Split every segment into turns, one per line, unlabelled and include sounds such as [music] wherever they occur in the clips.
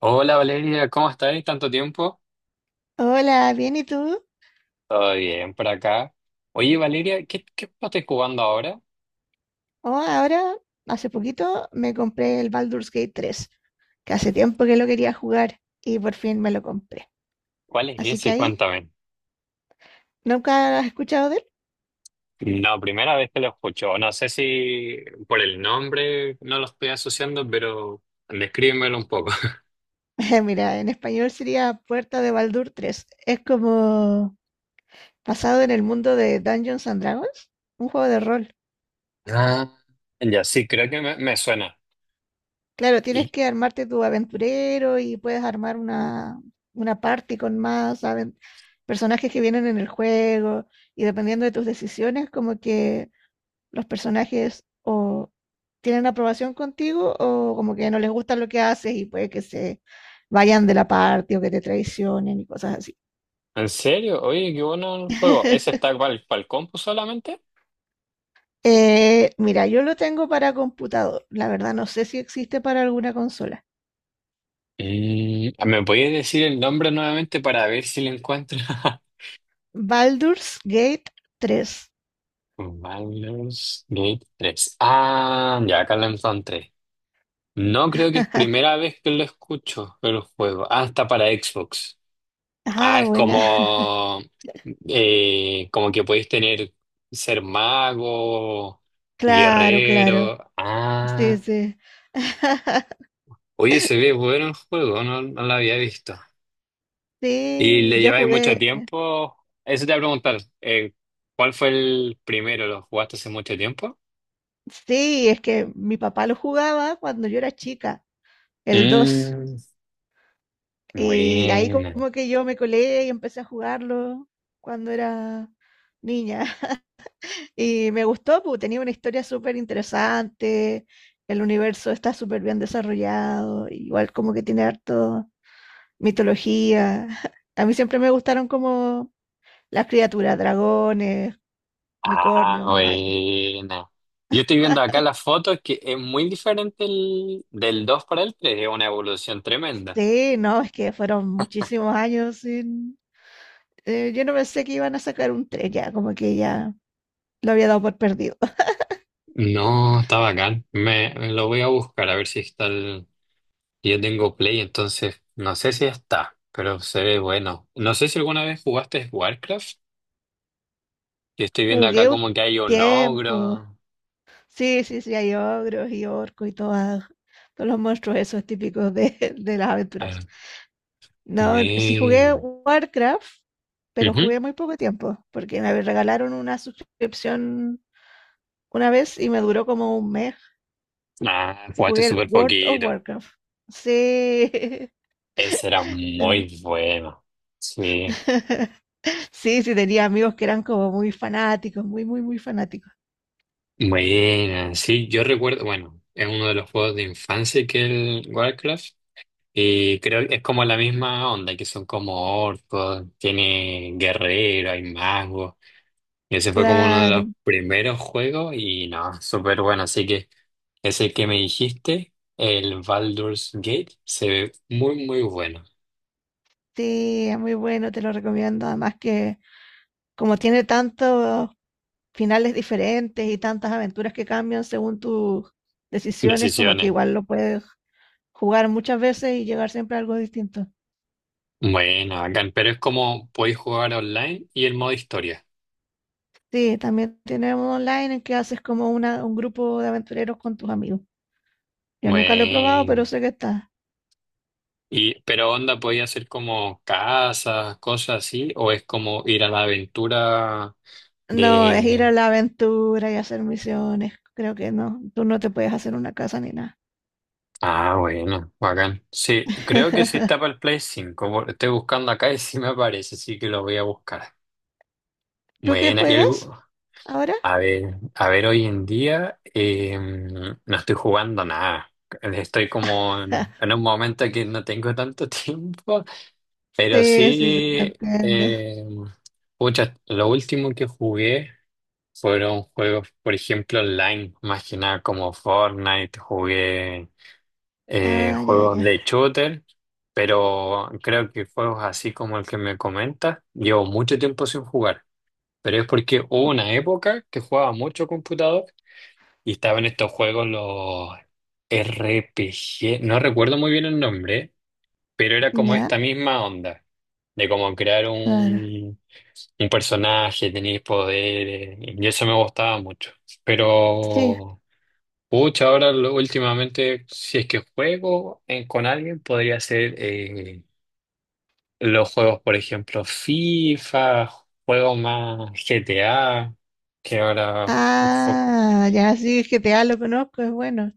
Hola Valeria, ¿cómo estáis? ¿Tanto tiempo?
Hola, bien, ¿y tú?
Todo bien por acá. Oye Valeria, ¿qué juego estás jugando ahora?
Oh, ahora, hace poquito me compré el Baldur's Gate 3, que hace tiempo que lo quería jugar y por fin me lo compré.
¿Cuál es
Así que
ese?
ahí,
Cuéntame.
¿nunca has escuchado de
No, primera vez que lo escucho. No sé si por el nombre no lo estoy asociando, pero descríbemelo un poco. [laughs]
él? [laughs] Mira, en español sería Puerta de Baldur 3. Es como basado en el mundo de Dungeons and Dragons, un juego de rol.
Ah. Ya, sí, creo que me suena.
Claro, tienes
¿Y,
que armarte tu aventurero y puedes armar una party con más personajes que vienen en el juego y dependiendo de tus decisiones, como que los personajes o tienen aprobación contigo o como que no les gusta lo que haces y puede que se vayan de la parte o que te traicionen y cosas así.
en serio? Oye, qué bueno el juego. ¿Ese está para el compu solamente?
Mira, yo lo tengo para computador. La verdad no sé si existe para alguna consola.
Mm, ¿me podías decir el nombre nuevamente para ver si lo encuentro? [laughs]
Baldur's Gate 3.
Baldur's Gate tres. Ah, ya, acá lo encontré. No creo que es primera
[laughs]
vez que lo escucho el juego. Ah, está para Xbox. Ah,
Ah,
es
buena.
como, como que podéis tener ser mago,
Claro, claro.
guerrero.
Sí,
Ah,
sí. [laughs]
oye, se ve bueno el juego, no, no lo había visto. ¿Y
Sí,
le
yo
lleváis mucho
jugué.
tiempo? Eso te voy a preguntar, ¿cuál fue el primero? ¿Lo jugaste hace mucho tiempo?
Sí, es que mi papá lo jugaba cuando yo era chica, el dos.
Mm,
Y ahí
buena.
como que yo me colé y empecé a jugarlo cuando era niña. [laughs] Y me gustó, porque tenía una historia súper interesante, el universo está súper bien desarrollado, igual como que tiene harto mitología. [laughs] A mí siempre me gustaron como las criaturas, dragones,
Ah,
unicornios, magias.
buena. Yo estoy viendo acá las fotos que es muy diferente del 2 para el tres, es una evolución tremenda.
Sí, no, es que fueron muchísimos años sin. Yo no pensé que iban a sacar un 3 ya, como que ya lo había dado por perdido.
No, está bacán. Lo voy a buscar a ver si está el... Yo tengo Play, entonces no sé si está, pero se ve bueno. No sé si alguna vez jugaste Warcraft. Yo estoy viendo acá
Jugué un
como que hay un
tiempo.
ogro.
Sí, sí, sí, hay ogros y orcos y todos los monstruos esos típicos [laughs] de las
A
aventuras.
ver,
No, sí
muy
jugué
bien.
Warcraft, pero
Ujú.
jugué muy poco tiempo, porque me regalaron una suscripción una vez y me duró como un mes,
Ah,
que
jugaste
jugué el
súper
World of
poquito.
Warcraft. Sí. [laughs]
Ese era
Ya.
muy bueno. Sí.
[laughs] Sí, sí, tenía amigos que eran como muy fanáticos, muy, muy, muy fanáticos.
Bueno, sí, yo recuerdo, bueno, es uno de los juegos de infancia que es el Warcraft, y creo que es como la misma onda, que son como orcos, tiene guerrero, hay magos, y ese fue como uno de
Claro,
los primeros juegos y no, súper bueno, así que ese que me dijiste, el Baldur's Gate, se ve muy, muy bueno.
sí, es muy bueno, te lo recomiendo. Además que como tiene tantos finales diferentes y tantas aventuras que cambian según tus decisiones, como que
Decisiones,
igual lo puedes jugar muchas veces y llegar siempre a algo distinto.
bueno, bacán, pero es como podéis jugar online y el modo historia.
Sí, también tenemos online en que haces como un grupo de aventureros con tus amigos. Yo nunca lo he probado, pero
Bueno.
sé que está.
Y, pero onda, ¿podía ser como casas, cosas así? ¿O es como ir a la aventura
No, es ir a
de...
la aventura y hacer misiones. Creo que no. Tú no te puedes hacer una casa ni nada.
Ah, bueno, bacán. Sí, creo que sí está para el Play 5. Estoy buscando acá y [laughs] sí me aparece, así que lo voy a buscar.
¿Tú qué
Buena, y
juegas
algo...
ahora?
A ver, hoy en día no estoy jugando nada. Estoy como
[laughs]
en un momento que no tengo tanto [laughs] tiempo, pero
Sí, sí, sí, te
sí...
entiendo.
Eh, pucha, lo último que jugué... Fueron juegos, por ejemplo, online, más que nada como Fortnite, jugué
Ah, ya,
juegos de
ya.
shooter, pero creo que juegos así como el que me comentas, llevo mucho tiempo sin jugar, pero es porque hubo una época que jugaba mucho computador y estaban estos juegos, los RPG, no recuerdo muy bien el nombre, pero era como
Ya,
esta misma onda, de como crear
claro.
un personaje, tenías poderes, y eso me gustaba mucho.
Sí,
Pero, pucha, ahora últimamente, si es que juego con alguien, podría ser los juegos, por ejemplo, FIFA, juegos más GTA, que ahora...
ah, ya sí, el GTA lo conozco, es bueno.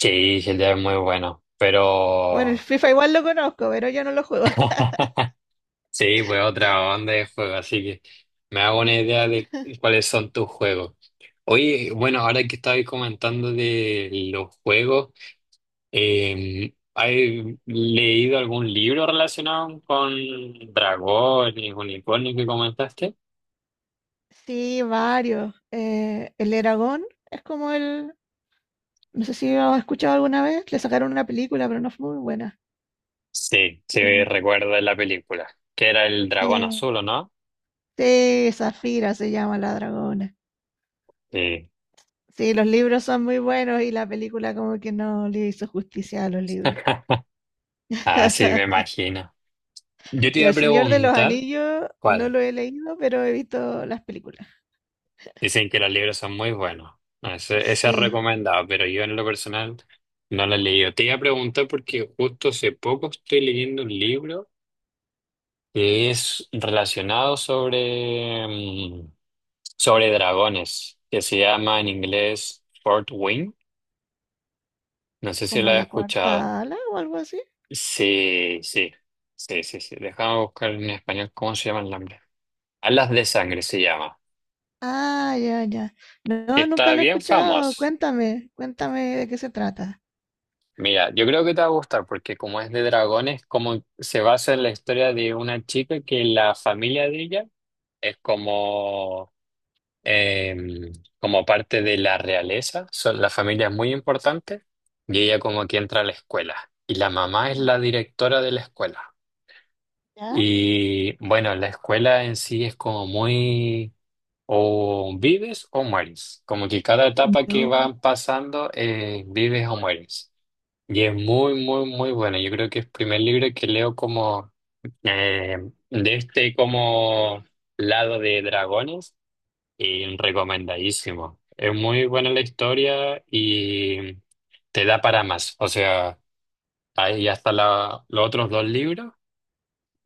Sí, GTA es muy bueno,
Bueno, el
pero...
FIFA igual lo conozco, pero yo no lo juego. [laughs]
[laughs] Sí, pues otra onda de juegos, así que me hago una idea de cuáles son tus juegos. Oye, bueno, ahora que estabais comentando de los juegos, ¿has leído algún libro relacionado con dragones, unicornios que comentaste?
Sí, varios. El Eragon es como el. No sé si lo has escuchado alguna vez. Le sacaron una película, pero no fue muy buena.
Sí,
Qué
sí,
bu-
recuerdo la película, que era el
Sí,
dragón azul, ¿o no?
sí, Zafira se llama la dragona.
Sí.
Sí, los libros son muy buenos y la película como que no le hizo justicia a los libros.
[laughs] Ah, sí, me imagino. Yo te
Y
iba
El
a
Señor de los
preguntar,
Anillos no
¿cuál?
lo he leído, pero he visto las películas.
Dicen que los libros son muy buenos. No, ese es
Sí,
recomendado, pero yo en lo personal no lo he leído. Te iba a preguntar porque justo hace poco estoy leyendo un libro que es relacionado sobre, sobre dragones, que se llama en inglés Fort Wing. No sé si lo
como
has
la
escuchado.
cuarta ala o algo así.
Sí, sí, sí, sí, sí. Déjame buscar en español cómo se llama el nombre. Alas de sangre se llama.
Ah, ya, ya.
Que
No, nunca
está
lo he
bien
escuchado.
famoso.
Cuéntame, cuéntame de qué se trata.
Mira, yo creo que te va a gustar porque como es de dragones, como se basa en la historia de una chica que la familia de ella es como, em, como parte de la realeza, son, la familia es muy importante y ella como que entra a la escuela y la mamá es la directora de la escuela.
¿Ya?
Y bueno, la escuela en sí es como muy o vives o mueres, como que cada etapa que
No,
van pasando vives o mueres. Y es muy, muy, muy buena. Yo creo que es el primer libro que leo como eh, de este como lado de dragones y recomendadísimo. Es muy buena la historia y te da para más. O sea, ahí ya están los otros 2 libros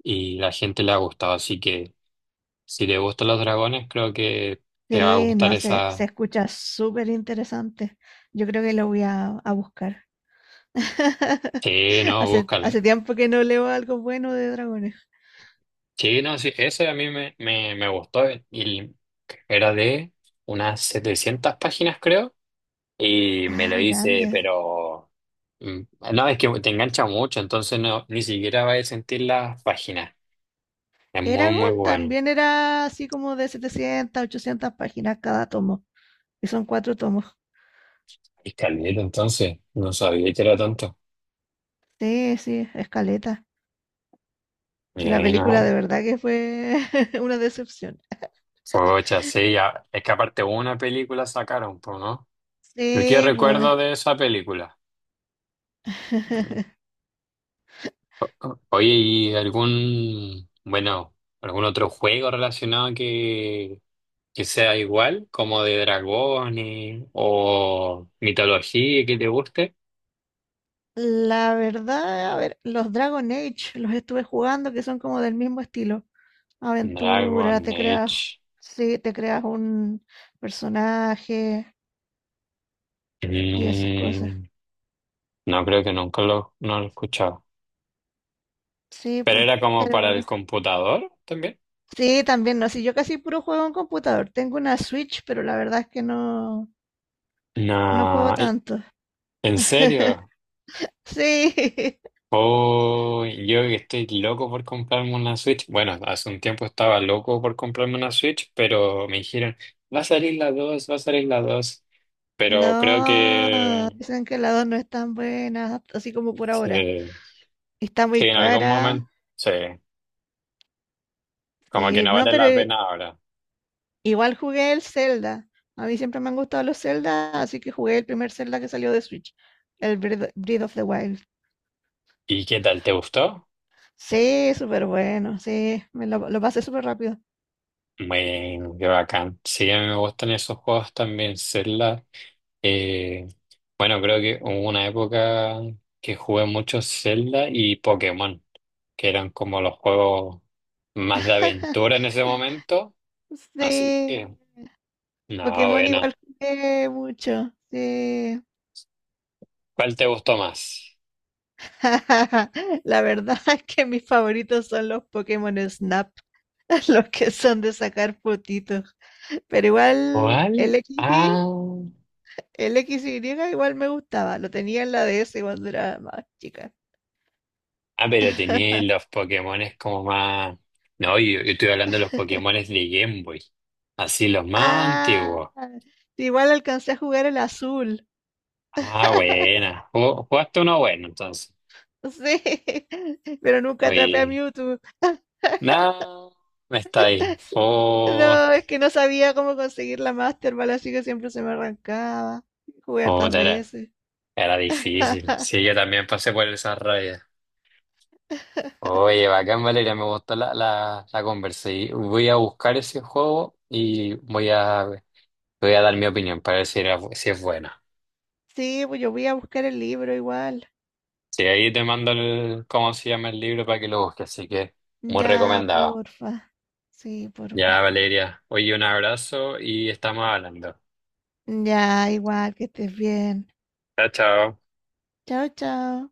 y la gente le ha gustado. Así que si te gustan los dragones, creo que te va a
sí,
gustar
no, se
esa...
escucha súper interesante. Yo creo que lo voy a buscar. [laughs]
Sí, no,
Hace,
búscalo.
hace tiempo que no leo algo bueno de dragones.
Sí, no, sí, ese a mí me gustó y era de unas 700 páginas, creo, y me
Ah,
lo hice,
grande.
pero mm, no, es que te engancha mucho, entonces no, ni siquiera vas a sentir las páginas. Es muy, muy
Eragon
bueno.
también era así como de 700, 800 páginas cada tomo. Y son cuatro tomos.
Y caleta, entonces, no sabía que era tanto.
Sí, sí, escaleta. Sí, la película de
No,
verdad que fue [laughs] una decepción.
pocha, sí, ya, es que aparte una película sacaron, pues, ¿no? Pero ¿qué
Sí, pues,
recuerdo de esa película? Oye, ¿y algún, bueno, algún otro juego relacionado que sea igual, como de dragones o mitología que te guste?
la verdad, a ver, los Dragon Age los estuve jugando que son como del mismo estilo. Aventura,
Dragon
te creas,
Age.
sí, te creas un personaje y esas cosas.
Mm, no creo que nunca lo, no lo he escuchado.
Sí,
¿Pero
pues,
era como
pero
para el computador también?
sí, también no, sí, yo casi puro juego en computador. Tengo una Switch, pero la verdad es que no juego
No,
tanto.
¿en
[laughs]
serio?
Sí, [laughs]
Oh, yo que estoy loco por comprarme una Switch. Bueno, hace un tiempo estaba loco por comprarme una Switch, pero me dijeron, va a salir la 2 va a salir la 2 Pero creo
no,
que,
dicen que la 2 no es tan buena, así como por ahora.
sí,
Está
sí,
muy
en algún
cara,
momento, sí, como que
sí,
no
no,
vale la
pero
pena ahora.
igual jugué el Zelda. A mí siempre me han gustado los Zelda, así que jugué el primer Zelda que salió de Switch, el Breath of the Wild.
¿Y qué tal? ¿Te gustó?
Sí, súper bueno, sí, me lo pasé súper rápido.
Bueno, qué bacán. Sí, a mí me gustan esos juegos también, Zelda. Eh, bueno, creo que hubo una época que jugué mucho Zelda y Pokémon, que eran como los juegos más de aventura
[laughs]
en ese momento.
Sí,
Así que, no,
Pokémon
bueno.
igual jugué mucho, sí.
¿Cuál te gustó más?
[laughs] La verdad es que mis favoritos son los Pokémon Snap, [laughs] los que son de sacar fotitos. Pero igual
¿Cuál?
el X y
Ah,
el X XY igual me gustaba, lo tenía en la DS cuando era más chica.
ah, pero tenía los Pokémones como más... No, yo estoy hablando de los Pokémones de Game Boy. Así los más
Ah,
antiguos.
igual alcancé a jugar el azul.
Ah,
[laughs]
buena. Jugaste uno bueno, entonces.
Sí, [laughs] pero nunca atrapé a
Oye.
Mewtwo.
No, está ahí.
[laughs]
Oh,
No, es que no sabía cómo conseguir la Master Ball, así que siempre se me arrancaba. Jugué hartas
joder,
veces.
era difícil. Sí,
[laughs]
yo también pasé por esa raya. Oye, bacán, Valeria, me gustó la conversa. Y voy a buscar ese juego y voy voy a dar mi opinión para ver si es buena.
Sí, pues yo voy a buscar el libro igual.
Sí, ahí te mando el, cómo se llama el libro para que lo busques, así que muy
Ya,
recomendado.
porfa. Sí,
Ya,
porfa.
Valeria, oye, un abrazo y estamos hablando.
Ya, igual, que estés bien.
Chao, chao.
Chao, chao.